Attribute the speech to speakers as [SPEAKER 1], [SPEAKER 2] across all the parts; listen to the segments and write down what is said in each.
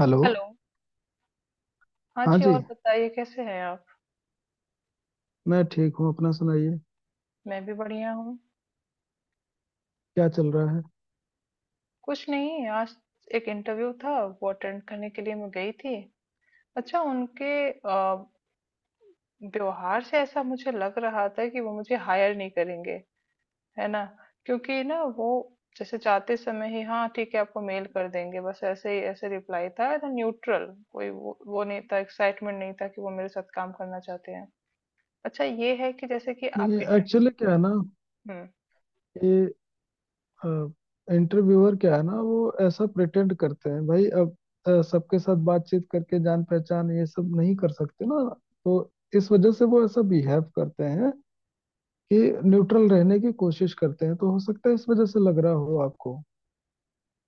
[SPEAKER 1] Hello.
[SPEAKER 2] Hello. हाँ
[SPEAKER 1] हाँ
[SPEAKER 2] जी,
[SPEAKER 1] जी,
[SPEAKER 2] और बताइए कैसे हैं आप?
[SPEAKER 1] मैं ठीक हूँ। अपना सुनाइए।
[SPEAKER 2] मैं भी बढ़िया हूँ।
[SPEAKER 1] क्या चल रहा है?
[SPEAKER 2] कुछ नहीं, आज एक इंटरव्यू था। वो अटेंड करने के लिए मैं गई थी। अच्छा, उनके व्यवहार से ऐसा मुझे लग रहा था कि वो मुझे हायर नहीं करेंगे, है ना। क्योंकि ना वो जैसे जाते समय ही, हाँ ठीक है आपको मेल कर देंगे, बस ऐसे ही, ऐसे रिप्लाई था ना, न्यूट्रल। कोई वो नहीं था, एक्साइटमेंट नहीं था कि वो मेरे साथ काम करना चाहते हैं। अच्छा, ये है कि जैसे कि आप
[SPEAKER 1] नहीं, एक्चुअली क्या है ना,
[SPEAKER 2] इंटर
[SPEAKER 1] ये इंटरव्यूअर क्या है ना, वो ऐसा प्रिटेंड करते हैं भाई। अब सबके साथ बातचीत करके जान पहचान ये सब नहीं कर सकते ना, तो इस वजह से वो ऐसा बिहेव करते हैं कि न्यूट्रल रहने की कोशिश करते हैं। तो हो सकता है इस वजह से लग रहा हो आपको।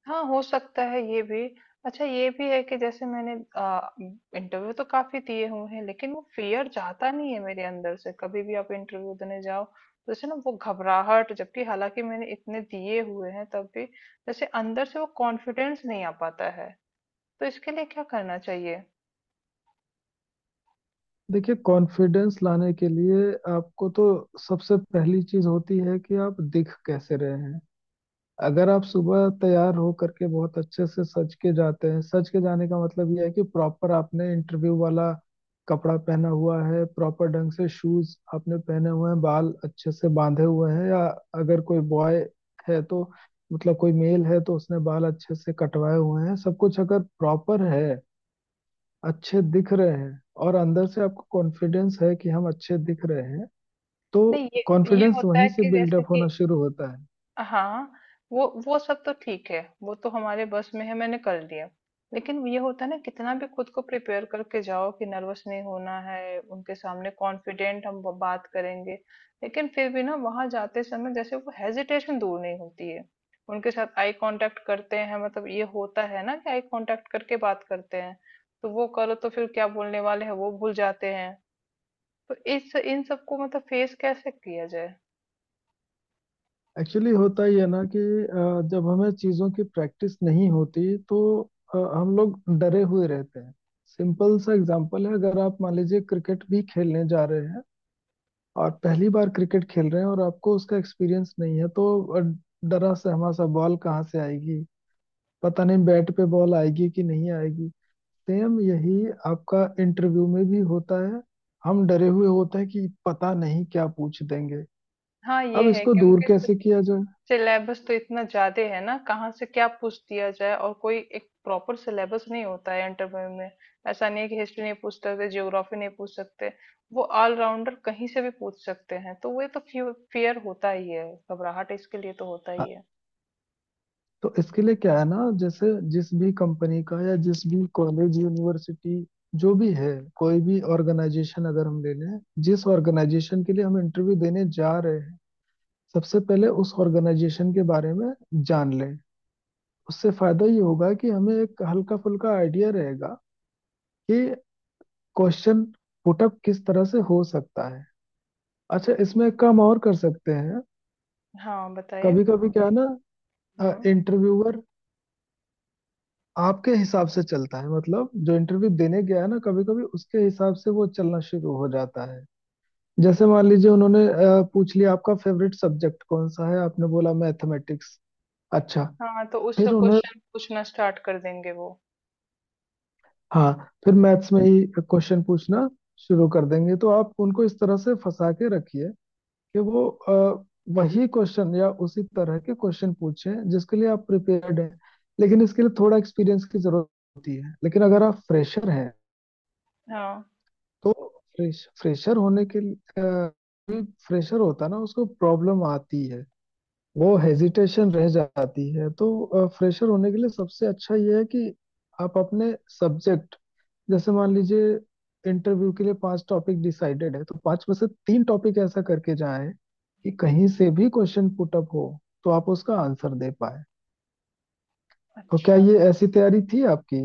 [SPEAKER 2] हाँ, हो सकता है ये भी। अच्छा, ये भी है कि जैसे मैंने इंटरव्यू तो काफ़ी दिए हुए हैं, लेकिन वो फ़ियर जाता नहीं है मेरे अंदर से। कभी भी आप इंटरव्यू देने जाओ तो जैसे ना वो घबराहट, जबकि हालाँकि मैंने इतने दिए हुए हैं, तब भी जैसे अंदर से वो कॉन्फिडेंस नहीं आ पाता है। तो इसके लिए क्या करना चाहिए?
[SPEAKER 1] देखिए, कॉन्फिडेंस लाने के लिए आपको तो सबसे पहली चीज होती है कि आप दिख कैसे रहे हैं। अगर आप सुबह तैयार हो करके बहुत अच्छे से सज के जाते हैं, सज के जाने का मतलब यह है कि प्रॉपर आपने इंटरव्यू वाला कपड़ा पहना हुआ है, प्रॉपर ढंग से शूज आपने पहने हुए हैं, बाल अच्छे से बांधे हुए हैं, या अगर कोई बॉय है तो, मतलब कोई मेल है तो उसने बाल अच्छे से कटवाए हुए हैं, सब कुछ अगर प्रॉपर है, अच्छे दिख रहे हैं, और अंदर से आपको कॉन्फिडेंस है कि हम अच्छे दिख रहे हैं, तो
[SPEAKER 2] नहीं ये ये
[SPEAKER 1] कॉन्फिडेंस
[SPEAKER 2] होता
[SPEAKER 1] वहीं
[SPEAKER 2] है
[SPEAKER 1] से
[SPEAKER 2] कि जैसे
[SPEAKER 1] बिल्डअप
[SPEAKER 2] कि
[SPEAKER 1] होना शुरू होता है।
[SPEAKER 2] हाँ, वो सब तो ठीक है, वो तो हमारे बस में है, मैंने कर लिया। लेकिन ये होता है ना, कितना भी खुद को प्रिपेयर करके जाओ कि नर्वस नहीं होना है, उनके सामने कॉन्फिडेंट हम बात करेंगे, लेकिन फिर भी ना वहां जाते समय जैसे वो हेजिटेशन दूर नहीं होती है। उनके साथ आई कांटेक्ट करते हैं, मतलब ये होता है ना कि आई कांटेक्ट करके बात करते हैं, तो वो करो तो फिर क्या बोलने वाले हैं वो भूल जाते हैं। तो इस इन सबको मतलब फेस कैसे किया जाए?
[SPEAKER 1] एक्चुअली होता ही है ना कि जब हमें चीज़ों की प्रैक्टिस नहीं होती तो हम लोग डरे हुए रहते हैं। सिंपल सा एग्जांपल है, अगर आप मान लीजिए क्रिकेट भी खेलने जा रहे हैं और पहली बार क्रिकेट खेल रहे हैं और आपको उसका एक्सपीरियंस नहीं है, तो अ, डरा सहमा सा, बॉल कहाँ से आएगी पता नहीं, बैट पे बॉल आएगी कि नहीं आएगी। सेम यही आपका इंटरव्यू में भी होता है। हम डरे हुए होते हैं कि पता नहीं क्या पूछ देंगे।
[SPEAKER 2] हाँ, ये
[SPEAKER 1] अब
[SPEAKER 2] है।
[SPEAKER 1] इसको दूर
[SPEAKER 2] क्योंकि
[SPEAKER 1] कैसे किया जाए,
[SPEAKER 2] सिलेबस तो इतना ज्यादा है ना, कहाँ से क्या पूछ दिया जाए, और कोई एक प्रॉपर सिलेबस नहीं होता है इंटरव्यू में। ऐसा नहीं है कि हिस्ट्री नहीं पूछ सकते, ज्योग्राफी नहीं पूछ सकते। वो ऑलराउंडर कहीं से भी पूछ सकते हैं, तो वो तो फियर होता ही है, घबराहट इसके लिए तो होता ही है।
[SPEAKER 1] तो इसके लिए क्या है ना, जैसे जिस भी कंपनी का या जिस भी कॉलेज यूनिवर्सिटी, जो भी है कोई भी ऑर्गेनाइजेशन अगर हम ले लें, जिस ऑर्गेनाइजेशन के लिए हम इंटरव्यू देने जा रहे हैं, सबसे पहले उस ऑर्गेनाइजेशन के बारे में जान लें। उससे फायदा ये होगा कि हमें एक हल्का फुल्का आइडिया रहेगा कि क्वेश्चन पुटअप किस तरह से हो सकता है। अच्छा, इसमें एक काम और कर सकते हैं।
[SPEAKER 2] हाँ बताइए।
[SPEAKER 1] कभी कभी क्या है ना,
[SPEAKER 2] हम्म।
[SPEAKER 1] इंटरव्यूअर आपके हिसाब से चलता है, मतलब जो इंटरव्यू देने गया है ना, कभी कभी उसके हिसाब से वो चलना शुरू हो जाता है। जैसे मान लीजिए, उन्होंने पूछ लिया आपका फेवरेट सब्जेक्ट कौन सा है, आपने बोला मैथमेटिक्स। अच्छा,
[SPEAKER 2] हाँ, तो
[SPEAKER 1] फिर
[SPEAKER 2] उससे
[SPEAKER 1] उन्होंने,
[SPEAKER 2] क्वेश्चन पूछना स्टार्ट कर देंगे वो।
[SPEAKER 1] हाँ, फिर मैथ्स में ही क्वेश्चन पूछना शुरू कर देंगे। तो आप उनको इस तरह से फंसा के रखिए कि वो वही क्वेश्चन या उसी तरह के क्वेश्चन पूछे जिसके लिए आप प्रिपेयर्ड हैं। लेकिन इसके लिए थोड़ा एक्सपीरियंस की जरूरत होती है। लेकिन अगर आप फ्रेशर हैं
[SPEAKER 2] हाँ।
[SPEAKER 1] तो, फ्रेशर होने के लिए, फ्रेशर होता है ना, उसको प्रॉब्लम आती है, वो हेजिटेशन रह जाती है। तो फ्रेशर होने के लिए सबसे अच्छा ये है कि आप अपने सब्जेक्ट, जैसे मान लीजिए इंटरव्यू के लिए 5 टॉपिक डिसाइडेड है, तो 5 में से 3 टॉपिक ऐसा करके जाएं कि कहीं से भी क्वेश्चन पुटअप हो तो आप उसका आंसर दे पाए। तो क्या
[SPEAKER 2] अच्छा।
[SPEAKER 1] ये ऐसी तैयारी थी आपकी?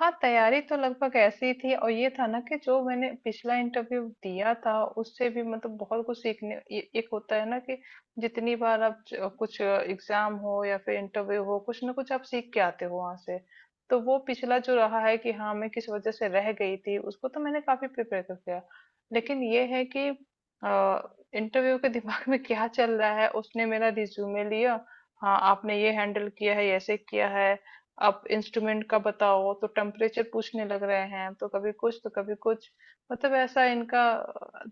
[SPEAKER 2] हाँ, तैयारी तो लगभग ऐसी थी। और ये था ना कि जो मैंने पिछला इंटरव्यू दिया था उससे भी मतलब बहुत कुछ सीखने, एक होता है ना कि जितनी बार आप कुछ एग्जाम हो या फिर इंटरव्यू हो, कुछ ना कुछ आप सीख के आते हो वहां से। तो वो पिछला जो रहा है कि हाँ मैं किस वजह से रह गई थी, उसको तो मैंने काफी प्रिपेयर कर दिया। लेकिन ये है कि इंटरव्यू के दिमाग में क्या चल रहा है, उसने मेरा रिज्यूमे लिया। हाँ आपने ये हैंडल किया है, ऐसे किया है, आप इंस्ट्रूमेंट का बताओ तो टेम्परेचर पूछने लग रहे हैं, तो कभी कुछ तो कभी कुछ, मतलब ऐसा इनका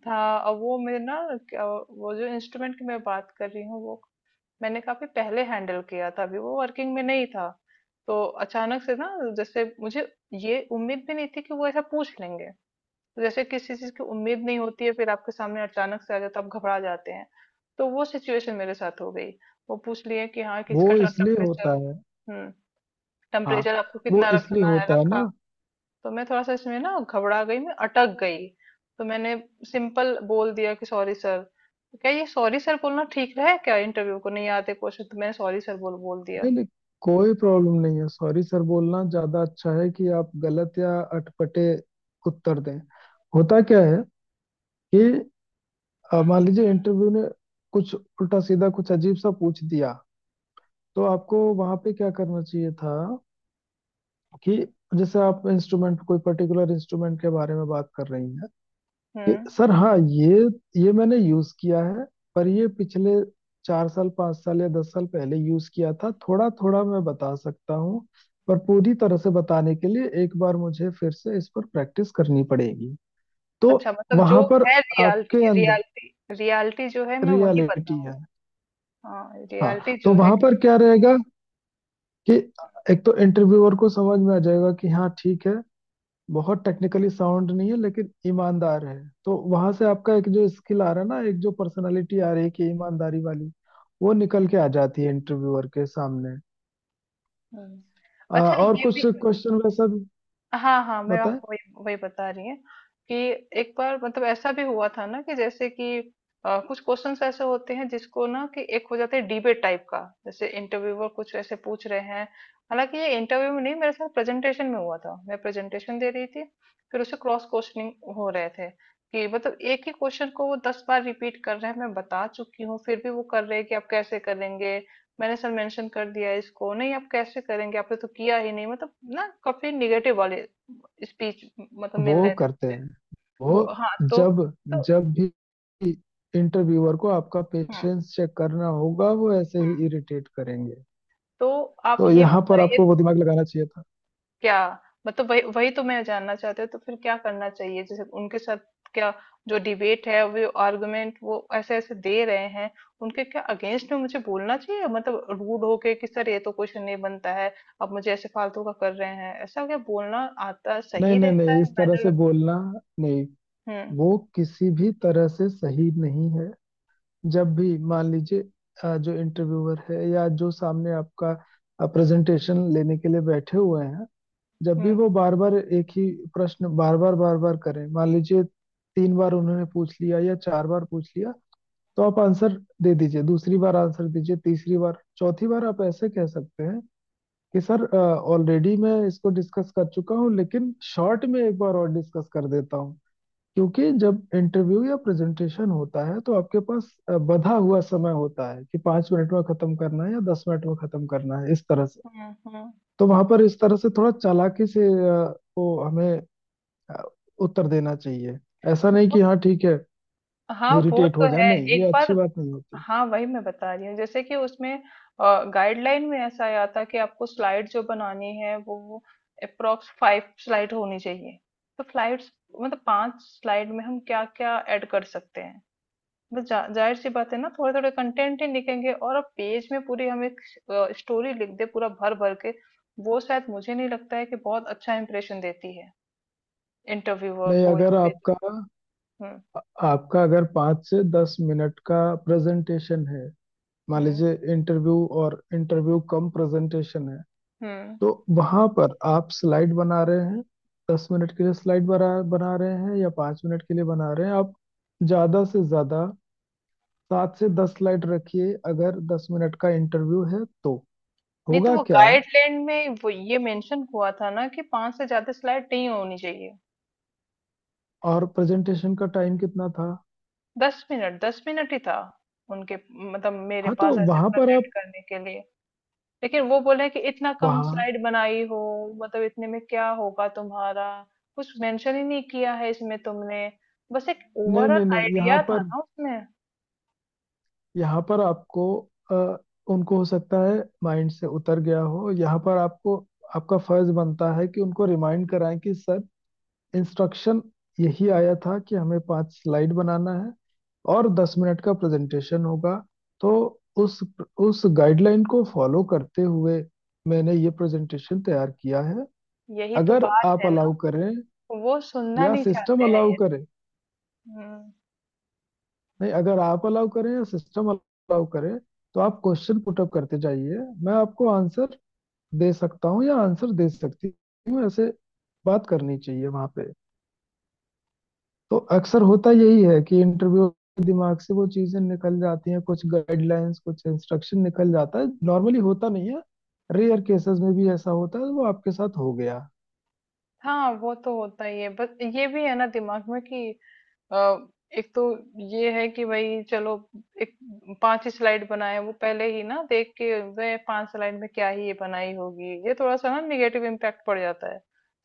[SPEAKER 2] था। और वो मैं ना, क्या- वो जो इंस्ट्रूमेंट की मैं बात कर रही हूँ, वो मैंने काफी पहले हैंडल किया था, अभी वो वर्किंग में नहीं था। तो अचानक से ना जैसे मुझे ये उम्मीद भी नहीं थी कि वो ऐसा पूछ लेंगे। तो जैसे किसी चीज की उम्मीद नहीं होती है, फिर आपके सामने अचानक से आ जाता है, आप घबरा जाते हैं। तो वो सिचुएशन मेरे साथ हो गई। वो पूछ लिए कि हाँ
[SPEAKER 1] वो
[SPEAKER 2] किसका
[SPEAKER 1] इसलिए
[SPEAKER 2] टेम्परेचर।
[SPEAKER 1] होता है।
[SPEAKER 2] हम्म।
[SPEAKER 1] हाँ,
[SPEAKER 2] टेम्परेचर आपको
[SPEAKER 1] वो
[SPEAKER 2] कितना
[SPEAKER 1] इसलिए
[SPEAKER 2] रखना है,
[SPEAKER 1] होता है ना।
[SPEAKER 2] रखा। तो मैं थोड़ा सा इसमें ना घबरा गई, मैं अटक गई। तो मैंने सिंपल बोल दिया कि सॉरी सर। तो क्या ये सॉरी सर बोलना ठीक रहा है क्या, इंटरव्यू को नहीं आते क्वेश्चन तो मैंने सॉरी सर बोल बोल
[SPEAKER 1] नहीं
[SPEAKER 2] दिया।
[SPEAKER 1] नहीं, कोई प्रॉब्लम नहीं है। सॉरी सर बोलना ज्यादा अच्छा है कि आप गलत या अटपटे उत्तर दें। होता क्या है कि मान लीजिए इंटरव्यू ने कुछ उल्टा सीधा, कुछ अजीब सा पूछ दिया, तो आपको वहां पे क्या करना चाहिए था कि, जैसे आप इंस्ट्रूमेंट, कोई पर्टिकुलर इंस्ट्रूमेंट के बारे में बात कर रही हैं
[SPEAKER 2] हम्म।
[SPEAKER 1] कि सर, हाँ ये मैंने यूज किया है, पर ये पिछले 4 साल, 5 साल या 10 साल पहले यूज किया था, थोड़ा थोड़ा मैं बता सकता हूँ, पर पूरी तरह से बताने के लिए एक बार मुझे फिर से इस पर प्रैक्टिस करनी पड़ेगी। तो
[SPEAKER 2] अच्छा, मतलब
[SPEAKER 1] वहां
[SPEAKER 2] जो
[SPEAKER 1] पर
[SPEAKER 2] है रियलिटी
[SPEAKER 1] आपके अंदर
[SPEAKER 2] रियलिटी रियलिटी जो है मैं वही
[SPEAKER 1] रियलिटी
[SPEAKER 2] बताऊं।
[SPEAKER 1] है।
[SPEAKER 2] हाँ,
[SPEAKER 1] हाँ,
[SPEAKER 2] रियलिटी
[SPEAKER 1] तो
[SPEAKER 2] जो है
[SPEAKER 1] वहां
[SPEAKER 2] कि।
[SPEAKER 1] पर क्या रहेगा कि एक तो इंटरव्यूअर को समझ में आ जाएगा कि हाँ ठीक है, बहुत टेक्निकली साउंड नहीं है लेकिन ईमानदार है। तो वहां से आपका एक जो स्किल आ रहा है ना, एक जो पर्सनालिटी आ रही है कि ईमानदारी वाली, वो निकल के आ जाती है इंटरव्यूअर के सामने।
[SPEAKER 2] हम्म। अच्छा
[SPEAKER 1] और
[SPEAKER 2] ये भी।
[SPEAKER 1] कुछ क्वेश्चन वैसा भी
[SPEAKER 2] हाँ, हाँ, मैं
[SPEAKER 1] बताएं।
[SPEAKER 2] आपको वही वही बता रही हैं कि एक बार मतलब ऐसा भी हुआ था ना कि जैसे कि कुछ क्वेश्चंस ऐसे होते हैं जिसको ना कि एक हो जाता है डिबेट टाइप का, जैसे इंटरव्यूअर कुछ ऐसे पूछ रहे हैं। हालांकि ये इंटरव्यू में नहीं, मेरे साथ प्रेजेंटेशन में हुआ था, मैं प्रेजेंटेशन दे रही थी। फिर उसे क्रॉस क्वेश्चनिंग हो रहे थे कि मतलब एक ही क्वेश्चन को वो दस बार रिपीट कर रहे हैं, मैं बता चुकी हूँ फिर भी वो कर रहे हैं कि आप कैसे करेंगे। मैंने सर मेंशन कर दिया है, इसको नहीं, आप कैसे करेंगे आपने तो किया ही नहीं, मतलब ना काफी निगेटिव वाले स्पीच मतलब मिल
[SPEAKER 1] वो
[SPEAKER 2] रहे थे
[SPEAKER 1] करते
[SPEAKER 2] मुझे।
[SPEAKER 1] हैं वो।
[SPEAKER 2] वो, हाँ तो।
[SPEAKER 1] जब
[SPEAKER 2] तो।
[SPEAKER 1] जब भी इंटरव्यूअर को आपका
[SPEAKER 2] हम्म।
[SPEAKER 1] पेशेंस चेक करना होगा, वो ऐसे ही
[SPEAKER 2] हम्म।
[SPEAKER 1] इरिटेट करेंगे।
[SPEAKER 2] तो आप
[SPEAKER 1] तो
[SPEAKER 2] ये
[SPEAKER 1] यहाँ पर
[SPEAKER 2] बताइए
[SPEAKER 1] आपको वो
[SPEAKER 2] तो।
[SPEAKER 1] दिमाग लगाना चाहिए था।
[SPEAKER 2] क्या, मतलब वही वही तो मैं जानना चाहती हूँ, तो फिर क्या करना चाहिए जैसे उनके साथ। क्या जो डिबेट है वो, आर्गुमेंट वो ऐसे ऐसे दे रहे हैं, उनके क्या अगेंस्ट में मुझे बोलना चाहिए, मतलब रूड होके कि सर ये तो क्वेश्चन नहीं बनता है, आप मुझे ऐसे फालतू का कर रहे हैं, ऐसा क्या बोलना आता
[SPEAKER 1] नहीं
[SPEAKER 2] सही
[SPEAKER 1] नहीं
[SPEAKER 2] रहता
[SPEAKER 1] नहीं,
[SPEAKER 2] है
[SPEAKER 1] इस तरह
[SPEAKER 2] मैनर
[SPEAKER 1] से
[SPEAKER 2] में।
[SPEAKER 1] बोलना, नहीं
[SPEAKER 2] हम्म।
[SPEAKER 1] वो किसी भी तरह से सही नहीं है। जब भी, मान लीजिए, जो इंटरव्यूअर है या जो सामने आपका प्रेजेंटेशन लेने के लिए बैठे हुए हैं, जब भी
[SPEAKER 2] हम्म।
[SPEAKER 1] वो बार बार एक ही प्रश्न बार बार बार बार करें, मान लीजिए 3 बार उन्होंने पूछ लिया या 4 बार पूछ लिया, तो आप आंसर दे दीजिए, दूसरी बार आंसर दीजिए, तीसरी बार, चौथी बार आप ऐसे कह सकते हैं कि सर, ऑलरेडी मैं इसको डिस्कस कर चुका हूँ लेकिन शॉर्ट में एक बार और डिस्कस कर देता हूँ। क्योंकि जब इंटरव्यू या प्रेजेंटेशन होता है तो आपके पास बंधा हुआ समय होता है कि 5 मिनट में खत्म करना है या 10 मिनट में खत्म करना है, इस तरह से।
[SPEAKER 2] हम्म। हम्म।
[SPEAKER 1] तो वहां पर इस तरह से थोड़ा चालाकी से वो हमें अ, उत्तर देना चाहिए। ऐसा नहीं
[SPEAKER 2] वो-
[SPEAKER 1] कि हाँ ठीक है,
[SPEAKER 2] हाँ वो
[SPEAKER 1] इरिटेट
[SPEAKER 2] तो
[SPEAKER 1] हो जाए,
[SPEAKER 2] है
[SPEAKER 1] नहीं,
[SPEAKER 2] एक
[SPEAKER 1] ये अच्छी
[SPEAKER 2] बार।
[SPEAKER 1] बात नहीं होती।
[SPEAKER 2] हाँ वही मैं बता रही हूँ, जैसे कि उसमें गाइडलाइन में ऐसा आया था कि आपको स्लाइड जो बनानी है वो अप्रोक्स फाइव स्लाइड होनी चाहिए। तो फ्लाइड्स मतलब पांच स्लाइड में हम क्या क्या ऐड कर सकते हैं, बस जाहिर सी बात है ना, थोड़े थोड़े कंटेंट ही लिखेंगे। और अब पेज में पूरी हम एक स्टोरी लिख दे पूरा भर भर के, वो शायद मुझे नहीं लगता है कि बहुत अच्छा इंप्रेशन देती है इंटरव्यूअर
[SPEAKER 1] नहीं,
[SPEAKER 2] को, या
[SPEAKER 1] अगर
[SPEAKER 2] फिर।
[SPEAKER 1] आपका
[SPEAKER 2] हम्म।
[SPEAKER 1] आपका अगर 5 से 10 मिनट का प्रेजेंटेशन है, मान
[SPEAKER 2] हम्म।
[SPEAKER 1] लीजिए इंटरव्यू, और इंटरव्यू कम प्रेजेंटेशन है,
[SPEAKER 2] हम्म।
[SPEAKER 1] तो वहां पर आप स्लाइड बना रहे हैं 10 मिनट के लिए, स्लाइड बना बना रहे हैं या 5 मिनट के लिए बना रहे हैं, आप ज्यादा से ज्यादा 7 से 10 स्लाइड रखिए अगर 10 मिनट का इंटरव्यू है तो,
[SPEAKER 2] नहीं, तो
[SPEAKER 1] होगा
[SPEAKER 2] वो
[SPEAKER 1] क्या?
[SPEAKER 2] गाइडलाइन में वो ये मेंशन हुआ था ना कि पांच से ज्यादा स्लाइड नहीं होनी चाहिए।
[SPEAKER 1] और प्रेजेंटेशन का टाइम कितना था?
[SPEAKER 2] दस मिनट ही था उनके, मतलब मेरे
[SPEAKER 1] हाँ, तो
[SPEAKER 2] पास ऐसे
[SPEAKER 1] वहां पर
[SPEAKER 2] प्रेजेंट
[SPEAKER 1] आप,
[SPEAKER 2] करने के लिए। लेकिन वो बोले कि इतना कम
[SPEAKER 1] वहाँ,
[SPEAKER 2] स्लाइड बनाई हो, मतलब इतने में क्या होगा तुम्हारा, कुछ मेंशन ही नहीं किया है इसमें तुमने। बस एक
[SPEAKER 1] नहीं
[SPEAKER 2] ओवरऑल
[SPEAKER 1] नहीं नहीं, यहाँ
[SPEAKER 2] आइडिया था
[SPEAKER 1] पर,
[SPEAKER 2] ना उसमें।
[SPEAKER 1] आपको अ, उनको हो सकता है माइंड से उतर गया हो। यहाँ पर आपको, आपका फर्ज बनता है कि उनको रिमाइंड कराएं कि सर, इंस्ट्रक्शन यही आया था कि हमें 5 स्लाइड बनाना है और 10 मिनट का प्रेजेंटेशन होगा। तो उस उस गाइडलाइन को फॉलो करते हुए मैंने ये प्रेजेंटेशन तैयार किया है।
[SPEAKER 2] यही तो
[SPEAKER 1] अगर
[SPEAKER 2] बात
[SPEAKER 1] आप
[SPEAKER 2] है ना,
[SPEAKER 1] अलाउ करें
[SPEAKER 2] वो सुनना
[SPEAKER 1] या
[SPEAKER 2] नहीं
[SPEAKER 1] सिस्टम
[SPEAKER 2] चाहते हैं
[SPEAKER 1] अलाउ
[SPEAKER 2] ये।
[SPEAKER 1] करे
[SPEAKER 2] हम्म।
[SPEAKER 1] नहीं अगर आप अलाउ करें या सिस्टम अलाउ करे, तो आप क्वेश्चन पुटअप करते जाइए, मैं आपको आंसर दे सकता हूँ या आंसर दे सकती हूँ, ऐसे बात करनी चाहिए वहां पे। तो अक्सर होता यही है कि इंटरव्यू, दिमाग से वो चीजें निकल जाती हैं, कुछ गाइडलाइंस, कुछ इंस्ट्रक्शन निकल जाता है। नॉर्मली होता नहीं है, रेयर केसेस में भी ऐसा होता है, वो आपके साथ हो गया।
[SPEAKER 2] हाँ वो तो होता ही है। बस ये भी है ना दिमाग में कि अ, एक तो ये है कि भाई चलो एक पांच ही स्लाइड बनाए, वो पहले ही ना देख के, वे पांच स्लाइड में क्या ही ये बनाई होगी, ये थोड़ा सा ना निगेटिव इम्पैक्ट पड़ जाता है।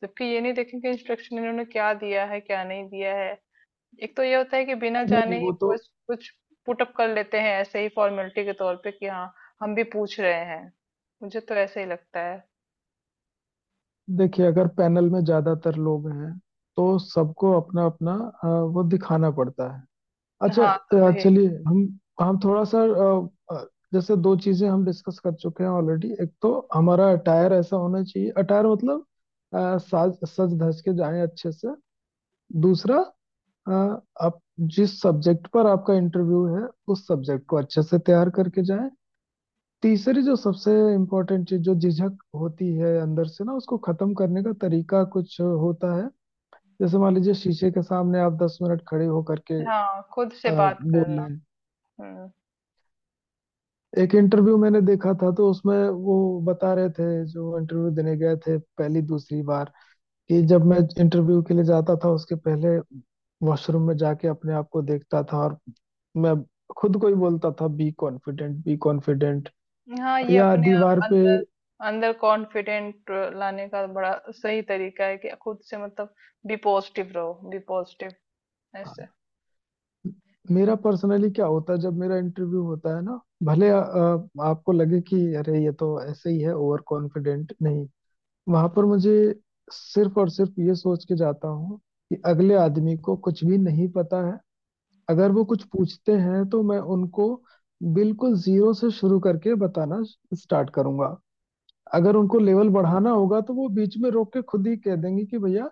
[SPEAKER 2] जबकि ये नहीं देखें कि इंस्ट्रक्शन इन्होंने क्या दिया है क्या नहीं दिया है। एक तो ये होता है कि बिना
[SPEAKER 1] नहीं नहीं,
[SPEAKER 2] जाने ही
[SPEAKER 1] वो तो,
[SPEAKER 2] कुछ कुछ पुटअप कर लेते हैं ऐसे ही फॉर्मेलिटी के तौर पे कि हाँ हम भी पूछ रहे हैं। मुझे तो ऐसे ही लगता है।
[SPEAKER 1] देखिए, अगर पैनल में ज्यादातर लोग हैं तो सबको अपना अपना वो दिखाना पड़ता है। अच्छा,
[SPEAKER 2] हाँ तो वही।
[SPEAKER 1] चलिए, हम थोड़ा सा, अ, अ, जैसे दो चीजें हम डिस्कस कर चुके हैं ऑलरेडी। एक तो हमारा अटायर ऐसा होना चाहिए, अटायर मतलब साज सज धज के जाएं अच्छे से। दूसरा, अ, आप जिस सब्जेक्ट पर आपका इंटरव्यू है, उस सब्जेक्ट को अच्छे से तैयार करके जाएं। तीसरी जो सबसे इम्पोर्टेंट चीज, जो झिझक होती है अंदर से ना, उसको खत्म करने का तरीका कुछ होता है। जैसे मान लीजिए, शीशे के सामने आप 10 मिनट खड़े होकर के
[SPEAKER 2] हाँ खुद से
[SPEAKER 1] अ,
[SPEAKER 2] बात
[SPEAKER 1] बोल
[SPEAKER 2] करना।
[SPEAKER 1] लें।
[SPEAKER 2] हम्म।
[SPEAKER 1] एक इंटरव्यू मैंने देखा था तो उसमें वो बता रहे थे, जो इंटरव्यू देने गए थे पहली दूसरी बार, कि जब मैं इंटरव्यू के लिए जाता था उसके पहले वॉशरूम में जाके अपने आप को देखता था और मैं खुद को ही बोलता था, बी कॉन्फिडेंट, बी कॉन्फिडेंट,
[SPEAKER 2] हाँ, ये
[SPEAKER 1] या
[SPEAKER 2] अपने आप
[SPEAKER 1] दीवार पे।
[SPEAKER 2] अंदर, अंदर कॉन्फिडेंट लाने का बड़ा सही तरीका है कि खुद से मतलब बी पॉजिटिव रहो, बी पॉजिटिव, ऐसे।
[SPEAKER 1] मेरा पर्सनली क्या होता है जब मेरा इंटरव्यू होता है ना, भले आपको लगे कि अरे ये तो ऐसे ही है, ओवर कॉन्फिडेंट, नहीं, वहां पर मुझे सिर्फ और सिर्फ ये सोच के जाता हूँ कि अगले आदमी को कुछ भी नहीं पता है। अगर वो कुछ पूछते हैं तो मैं उनको बिल्कुल जीरो से शुरू करके बताना स्टार्ट करूंगा। अगर उनको लेवल बढ़ाना होगा तो वो बीच में रोक के खुद ही कह देंगे कि भैया,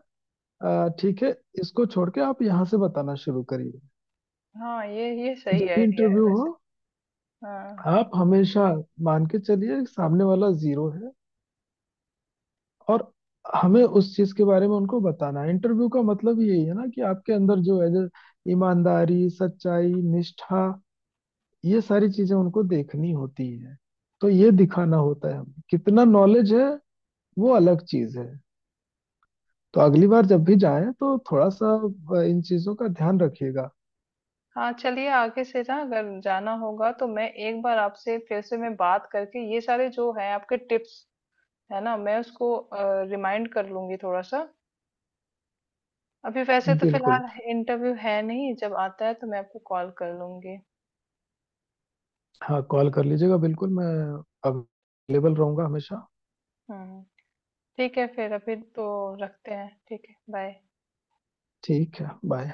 [SPEAKER 1] ठीक है, इसको छोड़ के आप यहाँ से बताना शुरू करिए।
[SPEAKER 2] हाँ ये
[SPEAKER 1] तो
[SPEAKER 2] सही
[SPEAKER 1] जब भी
[SPEAKER 2] आइडिया है
[SPEAKER 1] इंटरव्यू हो,
[SPEAKER 2] वैसे। हाँ।
[SPEAKER 1] आप हमेशा मान के चलिए सामने वाला जीरो है, और हमें उस चीज के बारे में उनको बताना है। इंटरव्यू का मतलब यही है ना कि आपके अंदर जो है, जो ईमानदारी, सच्चाई, निष्ठा, ये सारी चीजें उनको देखनी होती है। तो ये दिखाना होता है, हमें कितना नॉलेज है वो अलग चीज है। तो अगली बार जब भी जाएं तो थोड़ा सा इन चीजों का ध्यान रखिएगा।
[SPEAKER 2] हाँ, चलिए आगे से ना अगर जाना होगा तो मैं एक बार आपसे फिर से मैं बात करके ये सारे जो है आपके टिप्स, है ना, मैं उसको रिमाइंड कर लूंगी थोड़ा सा। अभी वैसे तो
[SPEAKER 1] बिल्कुल।
[SPEAKER 2] फिलहाल इंटरव्यू है नहीं, जब आता है तो मैं आपको कॉल कर लूंगी।
[SPEAKER 1] हाँ, कॉल कर लीजिएगा, बिल्कुल, मैं अवेलेबल रहूंगा हमेशा।
[SPEAKER 2] हम्म। ठीक है, फिर अभी तो रखते हैं। ठीक है, बाय।
[SPEAKER 1] ठीक है, बाय।